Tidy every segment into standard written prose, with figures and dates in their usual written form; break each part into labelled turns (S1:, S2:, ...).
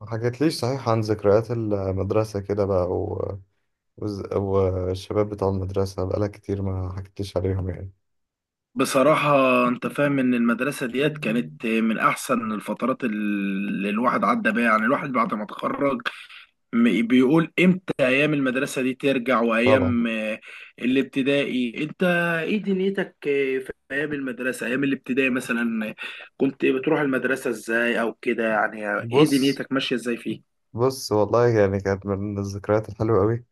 S1: ما حكيتليش صحيح عن ذكريات المدرسة كده بقى والشباب بتاع المدرسة بقالك كتير، ما حكيتليش عليهم يعني.
S2: بصراحة، أنت فاهم إن المدرسة ديت كانت من أحسن الفترات اللي الواحد عدى بيها. يعني الواحد بعد ما اتخرج بيقول إمتى أيام المدرسة دي ترجع.
S1: طبعا.
S2: وأيام الابتدائي، أنت إيه دنيتك آه، في أيام المدرسة، أيام الابتدائي مثلا كنت بتروح المدرسة إزاي، أو كده؟ يعني إيه
S1: بص
S2: دنيتك ماشية إزاي فيه؟
S1: بص والله يعني، كانت من الذكريات الحلوة قوي.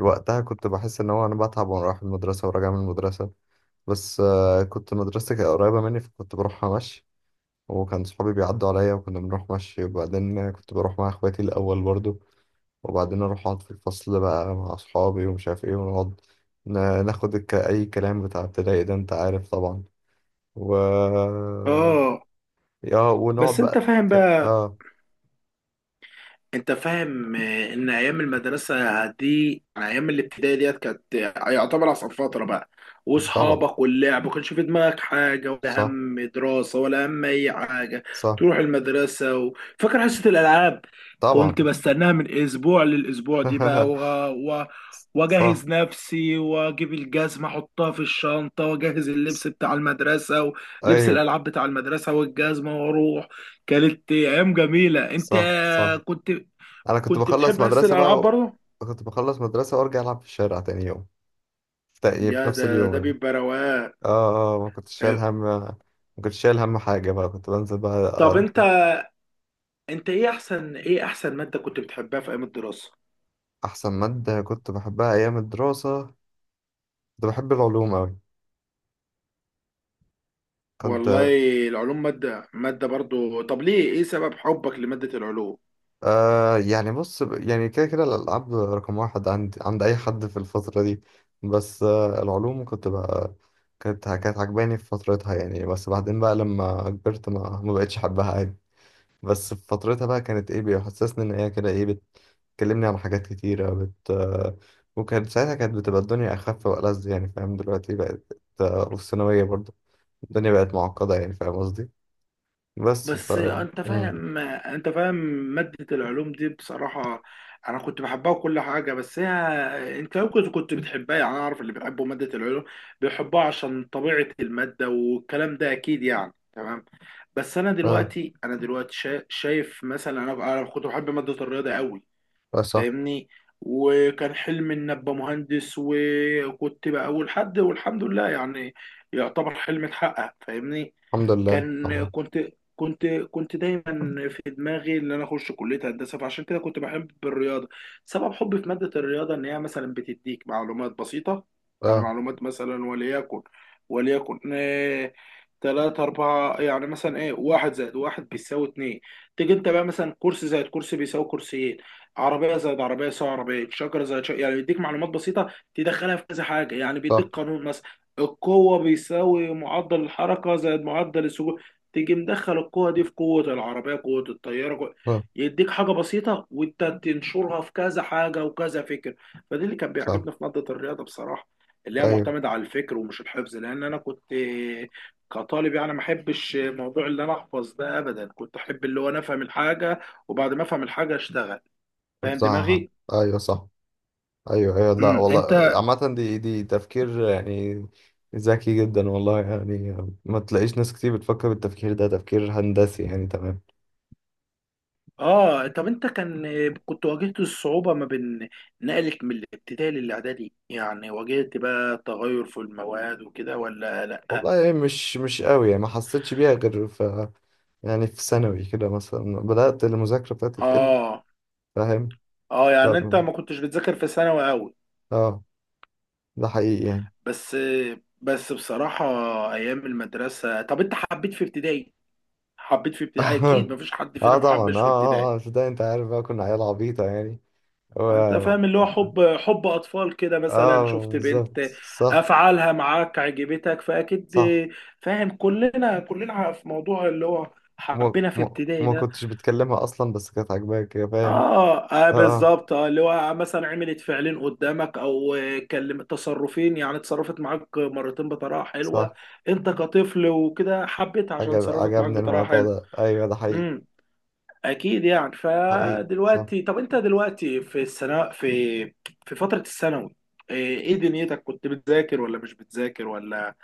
S1: وقتها كنت بحس ان هو انا بتعب وانا رايح المدرسة وراجع من المدرسة. بس كنت مدرستي كانت قريبة مني، فكنت بروحها مشي. وكان صحابي بيعدوا عليا وكنا بنروح مشي، وبعدين كنت بروح مع اخواتي الاول برضو. وبعدين اروح اقعد في الفصل بقى مع اصحابي ومش عارف ايه، ونقعد ناخد اي كلام، بتاع ابتدائي ده انت عارف طبعا. و
S2: آه،
S1: اه ونقعد
S2: بس أنت
S1: بقى.
S2: فاهم
S1: ك...
S2: بقى،
S1: اه
S2: انت فاهم ان ايام المدرسه دي، ايام الابتدائي ديت، كانت يعتبر اصعب فتره بقى.
S1: طبعا.
S2: واصحابك واللعب، ما كانش في دماغك حاجه، ولا
S1: صح،
S2: هم دراسه ولا هم اي حاجه.
S1: صح،
S2: تروح المدرسه فاكر حصه الالعاب؟ كنت
S1: طبعا.
S2: بستناها من اسبوع للاسبوع دي بقى و... و... واجهز
S1: صح،
S2: نفسي، واجيب الجزمه احطها في الشنطه، واجهز اللبس
S1: ص-
S2: بتاع المدرسه، ولبس
S1: ايوه،
S2: الالعاب بتاع المدرسه والجزمه، واروح. كانت ايام جميله، انت.
S1: صح، صح.
S2: كنت
S1: انا كنت
S2: كنت
S1: بخلص
S2: بتحب حس
S1: مدرسة بقى
S2: الالعاب برضه.
S1: كنت بخلص مدرسة وارجع العب في الشارع تاني يوم. في تق- في
S2: يا
S1: نفس
S2: ده،
S1: اليوم
S2: ده
S1: يعني.
S2: بيبقى رواق.
S1: اه، اه، ما كنتش شايل
S2: آه،
S1: هم، ما كنتش شايل هم حاجة بقى، كنت بنزل
S2: طب
S1: بقى.
S2: انت، انت ايه احسن، ايه احسن ماده كنت بتحبها في ايام الدراسه؟
S1: أحسن مادة كنت بحبها أيام الدراسة، كنت بحب العلوم أوي. كنت
S2: والله، العلوم ماده برضه، طب ليه؟ ايه سبب حبك لماده العلوم؟
S1: آه يعني بص، يعني كده الألعاب رقم واحد عند أي حد في الفترة دي. بس العلوم كنت بقى، كانت عجباني في فترتها يعني. بس بعدين بقى لما كبرت ما بقتش أحبها عادي. بس في فترتها بقى كانت إيه، بيحسسني إن هي كده إيه، بتكلمني عن حاجات كتيرة بت آه وكانت ساعتها كانت بتبقى الدنيا أخف وألذ، يعني فاهم، دلوقتي بقت وفي الثانوية برضه الدنيا بقت معقدة، يعني فاهم قصدي. بس ف
S2: بس انت
S1: مم.
S2: فاهم انت فاهم مادة العلوم دي بصراحة انا كنت بحبها وكل حاجة، بس هي انت ممكن كنت بتحبها. يعني انا اعرف اللي بيحبوا مادة العلوم بيحبوها عشان طبيعة المادة والكلام ده، اكيد يعني، تمام. بس انا
S1: اه،
S2: دلوقتي انا دلوقتي شايف مثلا، انا كنت بحب مادة الرياضة قوي،
S1: اه، صح.
S2: فاهمني؟ وكان حلمي ان ابقى مهندس، وكنت بقى اول حد، والحمد لله يعني، يعتبر حلمي اتحقق، فاهمني؟
S1: الحمد لله،
S2: كان
S1: الله.
S2: كنت كنت كنت دايما في دماغي ان انا اخش كليه هندسه، فعشان كده كنت بحب الرياضه. سبب حبي في ماده الرياضه ان هي مثلا بتديك معلومات بسيطه.
S1: اه،
S2: يعني معلومات مثلا، وليكن تلاتة أربعة. يعني مثلا إيه، واحد زائد واحد بيساوي اتنين. تيجي أنت بقى مثلا، كرسي زائد كرسي بيساوي كرسيين، عربية زائد عربية يساوي عربية، شجرة زائد شجرة. يعني بيديك معلومات بسيطة تدخلها في كذا حاجة. يعني بيديك
S1: صح،
S2: قانون مثلا، القوة بيساوي معدل الحركة زائد معدل السكون. تيجي مدخل القوة دي في قوة العربية، قوة الطيارة، قوة.
S1: اه،
S2: يديك حاجة بسيطة وانت تنشرها في كذا حاجة وكذا فكر. فدي اللي كان
S1: صح،
S2: بيعجبني في مادة الرياضة بصراحة، اللي هي
S1: ايوه،
S2: معتمدة على الفكر ومش الحفظ. لأن أنا كنت كطالب يعني ما أحبش موضوع اللي أنا أحفظ ده أبدا. كنت أحب اللي هو أنا أفهم الحاجة، وبعد ما أفهم الحاجة أشتغل. فاهم
S1: صح،
S2: دماغي؟
S1: ايوه، صح، ايوه، ايوه، لا والله.
S2: أنت.
S1: عامة دي تفكير يعني، ذكي جدا والله يعني. ما تلاقيش ناس كتير بتفكر بالتفكير ده، تفكير هندسي يعني، تمام.
S2: طب انت كنت واجهت الصعوبة ما بين نقلك من الابتدائي للاعدادي؟ يعني واجهت بقى تغير في المواد وكده، ولا لا؟
S1: والله، مش قوي يعني، ما حسيتش بيها غير في، يعني في ثانوي كده مثلا بدأت المذاكرة بتاعتي تقل،
S2: اه
S1: فاهم.
S2: اه
S1: ف
S2: يعني انت ما كنتش بتذاكر في ثانوي قوي؟
S1: اه ده حقيقي يعني.
S2: بس بس بصراحة، ايام المدرسة، طب انت حبيت في ابتدائي؟ حبيت في ابتدائي، اكيد ما فيش حد فينا
S1: اه، طبعا، اه،
S2: محبش في ابتدائي.
S1: اه، اه، في ده انت عارف بقى، كنا عيال عبيطة يعني و...
S2: انت فاهم اللي هو حب اطفال كده مثلا،
S1: اه،
S2: شفت
S1: بالظبط،
S2: بنت
S1: صح.
S2: افعالها معاك عجبتك، فاكيد
S1: صح،
S2: فاهم؟ كلنا في موضوع اللي هو
S1: وما
S2: حبينا في
S1: وما
S2: ابتدائي
S1: وما
S2: ده.
S1: كنتش بتكلمها اصلا، بس كانت عاجباك، يا فاهم.
S2: اه، آه،
S1: اه، اه.
S2: بالظبط، اه، اللي هو مثلا عملت فعلين قدامك او تصرفين. يعني اتصرفت معاك مرتين بطريقه حلوه،
S1: صح.
S2: انت كطفل وكده، حبيت عشان
S1: عجب
S2: تصرفت معاك
S1: عجبني
S2: بطريقه
S1: الموضوع
S2: حلوه.
S1: ده، ايوه، ده حقيقي.
S2: اكيد يعني.
S1: حقيقي، صح.
S2: فدلوقتي، طب انت دلوقتي في السنه، في فتره الثانوي، إيه دنيتك؟ كنت بتذاكر ولا مش بتذاكر؟ ولا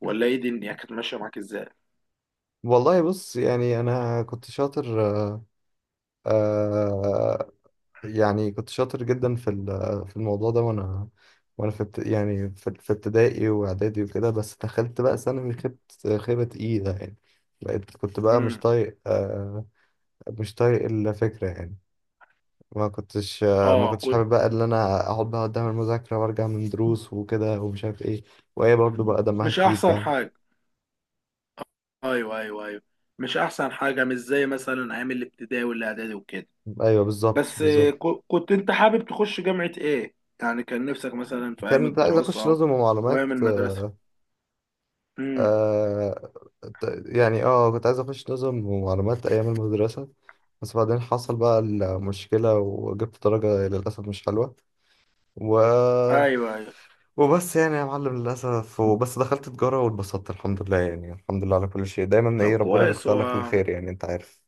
S2: ولا ايه، دنيا كانت ماشيه معاك ازاي؟
S1: والله بص، يعني انا كنت شاطر. آه يعني كنت شاطر جدا في في الموضوع ده. وانا في يعني في ابتدائي واعدادي وكده. بس دخلت بقى ثانوي، خبت خيبة تقيلة يعني. بقيت كنت بقى مش
S2: امم،
S1: طايق مش طايق الفكرة يعني. ما
S2: اه.
S1: كنتش
S2: كنت
S1: حابب بقى ان انا اقعد بقى قدام المذاكرة، وارجع من دروس وكده ومش عارف ايه. وهي برضه بقى دمها
S2: مش
S1: تقيل،
S2: احسن
S1: فاهم.
S2: حاجه. ايوه، ايوه، ايوه. مش احسن حاجه، مش زي مثلا ايام الابتدائي والاعدادي وكده.
S1: ايوه، بالظبط،
S2: بس
S1: بالظبط.
S2: كنت انت حابب تخش جامعه ايه؟ يعني كان نفسك مثلا في ايام
S1: كنت عايز اخش
S2: الدراسه
S1: نظم ومعلومات.
S2: وايام المدرسه. امم.
S1: آه يعني كنت عايز اخش نظم ومعلومات ايام المدرسة. بس بعدين حصل بقى المشكلة، وجبت درجة للأسف مش حلوة و...
S2: ايوه ايوه.
S1: وبس يعني، يا معلم للأسف. وبس دخلت تجارة واتبسطت، الحمد لله يعني، الحمد لله على كل شيء دايما.
S2: طب
S1: ايه، ربنا
S2: كويس
S1: بيختار لك
S2: هو.
S1: الخير يعني، انت عارف.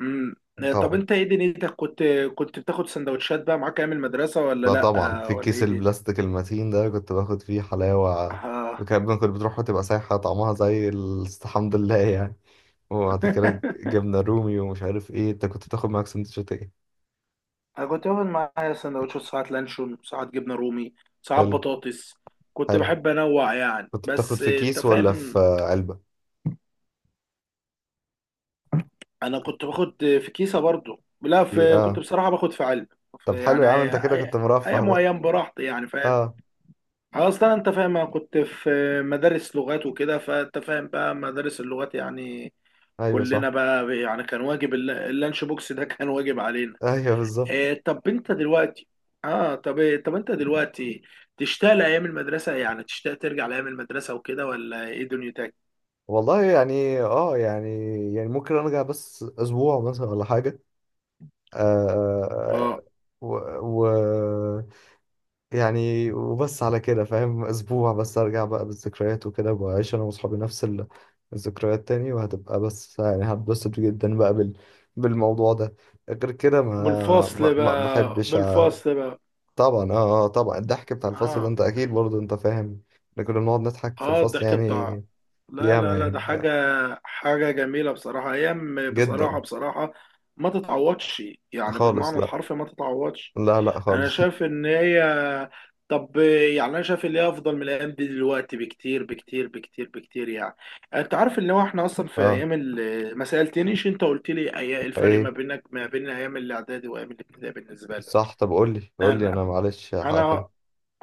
S2: امم. طب
S1: طبعا.
S2: انت ايه دنيتك، كنت بتاخد سندوتشات بقى معاك ايام المدرسه ولا
S1: ده
S2: لا؟
S1: طبعا في
S2: ولا
S1: الكيس
S2: ايه دي؟
S1: البلاستيك المتين ده كنت باخد فيه حلاوة.
S2: اه.
S1: كنت بتروح وتبقى سايحة طعمها زي الحمد لله يعني. وبعد كده جبنة رومي ومش عارف ايه. انت كنت بتاخد معاك سندوتشات ايه؟
S2: انا كنت باخد معايا سندوتشات، ساعات لانشون، ساعات جبنه رومي، ساعات
S1: حلو.
S2: بطاطس. كنت
S1: حلو.
S2: بحب انوع يعني.
S1: كنت بتاخد
S2: بس
S1: في
S2: آه، انت
S1: كيس ولا
S2: فاهم،
S1: في علبة؟
S2: انا كنت باخد في كيسه برضو. لا،
S1: ايه،
S2: في، كنت
S1: اه.
S2: بصراحه باخد في علب،
S1: طب
S2: في،
S1: حلو
S2: يعني.
S1: يا عم، انت كده
S2: أي-
S1: كنت مرفه
S2: ايام
S1: بقى.
S2: وايام، براحتي يعني، فاهم؟
S1: اه،
S2: اصلا انت فاهم انا كنت في مدارس لغات وكده، فانت فاهم بقى مدارس اللغات يعني.
S1: ايوه،
S2: كلنا
S1: صح.
S2: بقى يعني كان واجب، اللانش بوكس ده كان واجب علينا.
S1: ايوه، بالظبط.
S2: إيه طب انت دلوقتي، طب انت دلوقتي تشتاق لايام المدرسه؟ يعني تشتاق ترجع لايام المدرسه وكده، ولا ايه دنيتك؟
S1: والله يعني، يعني يعني ممكن ارجع بس اسبوع مثلا ولا حاجة. آه
S2: اه.
S1: آه، و, و... يعني وبس على كده فاهم، اسبوع بس ارجع بقى بالذكريات وكده واعيش انا واصحابي نفس الذكريات تاني. وهتبقى بس يعني هتبسط جدا بقى بالموضوع ده. غير كده ما ما,
S2: بالفصل
S1: ما
S2: بقى،
S1: بحبش
S2: بالفصل بقى.
S1: طبعا. طبعا، الضحك بتاع الفصل ده
S2: اه،
S1: انت اكيد برضه انت فاهم. احنا كنا بنقعد نضحك في
S2: اه،
S1: الفصل
S2: الضحك بتاع،
S1: يعني،
S2: لا لا
S1: ياما
S2: لا، ده
S1: يعني،
S2: حاجه، حاجه جميله بصراحه. ايام بصراحه،
S1: جدا.
S2: بصراحه ما تتعوضش، يعني
S1: خالص،
S2: بالمعنى
S1: لا.
S2: الحرفي ما تتعوضش.
S1: لا، لا،
S2: انا
S1: خالص.
S2: شايف ان هي، طب، يعني انا شايف اللي هي افضل من الايام دي دلوقتي بكتير بكتير بكتير بكتير يعني. انت عارف ان هو احنا اصلا في
S1: اه،
S2: ايام ما سالتنيش انت، قلت لي الفرق ما
S1: ايه،
S2: بينك، ما بين ايام الاعدادي وايام الابتدائي بالنسبه لك.
S1: صح. طب قول لي، قول لي،
S2: انا
S1: انا معلش هاكلم.
S2: انا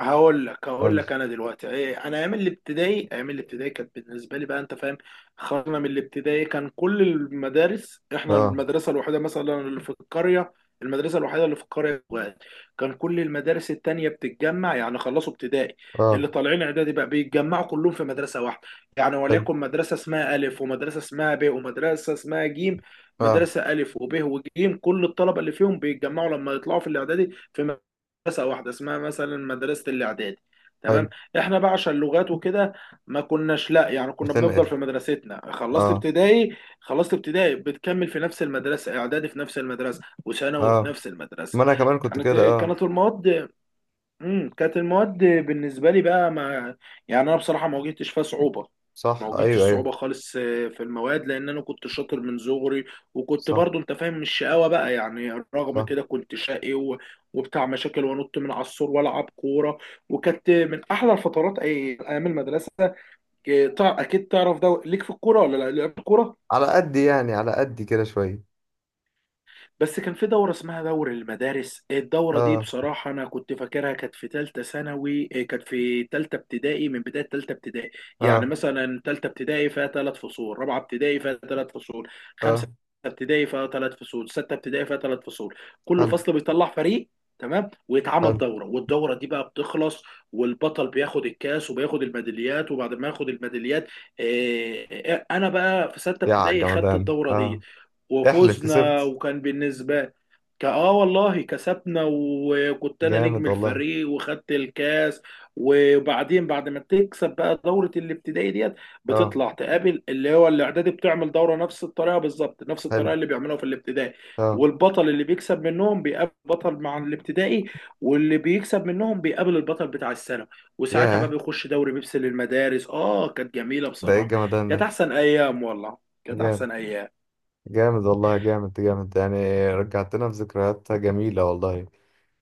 S2: هقول لك هقول
S1: قول لي.
S2: لك انا دلوقتي انا ايام الابتدائي، ايام الابتدائي كانت بالنسبه لي بقى، انت فاهم، خرجنا من الابتدائي. كان كل المدارس، احنا
S1: اه،
S2: المدرسه الوحيده مثلا اللي في القريه، المدرسه الوحيده اللي في القريه واحد. كان كل المدارس التانية بتتجمع. يعني خلصوا ابتدائي،
S1: اه،
S2: اللي طالعين اعدادي بقى بيتجمعوا كلهم في مدرسه واحده. يعني
S1: حلو،
S2: وليكن مدرسه اسمها الف، ومدرسه اسمها ب، ومدرسه اسمها جيم.
S1: اه،
S2: مدرسه الف وب وجيم، كل الطلبه اللي فيهم بيتجمعوا لما يطلعوا في الاعدادي في مدرسة واحدة اسمها مثلا مدرسة الإعدادي،
S1: حلو.
S2: تمام. احنا بقى عشان لغات وكده، ما كناش، لا يعني كنا بنفضل
S1: بتنقل.
S2: في مدرستنا. خلصت
S1: اه،
S2: ابتدائي، خلصت ابتدائي بتكمل في نفس المدرسة اعدادي، في نفس المدرسة، وثانوي في
S1: اه،
S2: نفس المدرسة.
S1: ما انا كمان كنت
S2: كانت
S1: كده، اه.
S2: كانت المواد، امم، كانت المواد بالنسبه لي بقى، ما، يعني انا بصراحه ما واجهتش فيها صعوبه. ما
S1: صح،
S2: واجهتش
S1: ايوه، ايوه،
S2: صعوبه خالص في المواد، لان انا كنت شاطر من صغري. وكنت
S1: صح،
S2: برضو انت فاهم مش شقاوه بقى، يعني رغم
S1: صح.
S2: كده كنت شقي وبتاع مشاكل، وانط من على السور والعب كوره. وكانت من احلى الفترات، ايام المدرسه. اكيد تعرف ده ليك في الكوره ولا لا؟ لعبت كوره؟
S1: على قد يعني، على قد كده شويه.
S2: بس كان في دورة اسمها دور المدارس، الدورة دي
S1: اه،
S2: بصراحة أنا كنت فاكرها كانت في تالتة ثانوي، كانت في تالتة ابتدائي. من بداية تالتة ابتدائي، يعني
S1: اه،
S2: مثلا تالتة ابتدائي فيها تلات فصول، رابعة ابتدائي فيها تلات فصول، خمسة
S1: اه.
S2: ابتدائي فيها تلات فصول، ستة ابتدائي فيها تلات فصول. كل
S1: حلو.
S2: فصل بيطلع فريق، تمام، ويتعمل
S1: حلو
S2: دورة، والدورة دي بقى بتخلص، والبطل بياخد الكاس وبياخد الميداليات. وبعد ما ياخد الميداليات، إيه، إيه، أنا بقى في ستة
S1: يا
S2: ابتدائي خدت
S1: عالجمدان،
S2: الدورة دي،
S1: اه. احلف
S2: وفزنا.
S1: كسبت؟
S2: وكان بالنسبة، اه والله كسبنا، وكنت انا نجم
S1: جامد والله.
S2: الفريق، وخدت الكاس. وبعدين بعد ما تكسب بقى دورة الابتدائي ديت،
S1: اه،
S2: بتطلع تقابل اللي هو الاعدادي، بتعمل دورة نفس الطريقة بالظبط، نفس
S1: حلو،
S2: الطريقة اللي بيعملوها في الابتدائي.
S1: اه،
S2: والبطل اللي بيكسب منهم بيقابل بطل مع الابتدائي، واللي بيكسب منهم بيقابل البطل بتاع السنة، وساعتها بقى
S1: ياه،
S2: بيخش دوري بيبسي للمدارس. اه، كانت جميلة
S1: ده ايه
S2: بصراحة،
S1: الجمدان
S2: كانت
S1: ده.
S2: احسن ايام والله، كانت
S1: جامد،
S2: احسن ايام.
S1: جامد والله، جامد جامد يعني، رجعتنا في ذكريات جميلة والله.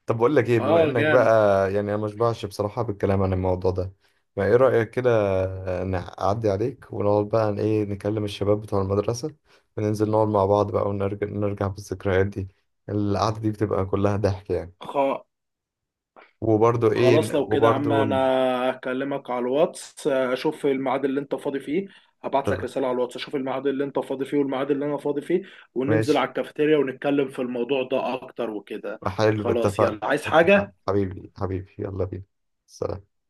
S1: طب بقول لك ايه؟ بما
S2: اه
S1: انك
S2: جامد.
S1: بقى، يعني انا مشبعش بصراحة بالكلام عن الموضوع ده. ما ايه رأيك كده، نعدي عليك ونقعد بقى، عن ايه، نكلم الشباب بتوع المدرسة، وننزل نقعد مع بعض بقى ونرجع بالذكريات دي. القعدة دي بتبقى كلها ضحك يعني.
S2: خ...
S1: وبرضه ايه ن-
S2: خلاص لو كده يا عم،
S1: وبرضه
S2: انا
S1: ن-
S2: هكلمك على الواتس اشوف الميعاد اللي انت فاضي فيه. هبعت لك
S1: طب
S2: رسالة على الواتس، اشوف الميعاد اللي انت فاضي فيه والميعاد اللي انا فاضي فيه، وننزل
S1: ماشي،
S2: على الكافيتيريا ونتكلم في الموضوع ده اكتر وكده.
S1: حلو،
S2: خلاص،
S1: اتفقنا.
S2: يلا، عايز
S1: اتفقنا،
S2: حاجة؟
S1: حبيبي، حبيبي، يلا بينا. سلام.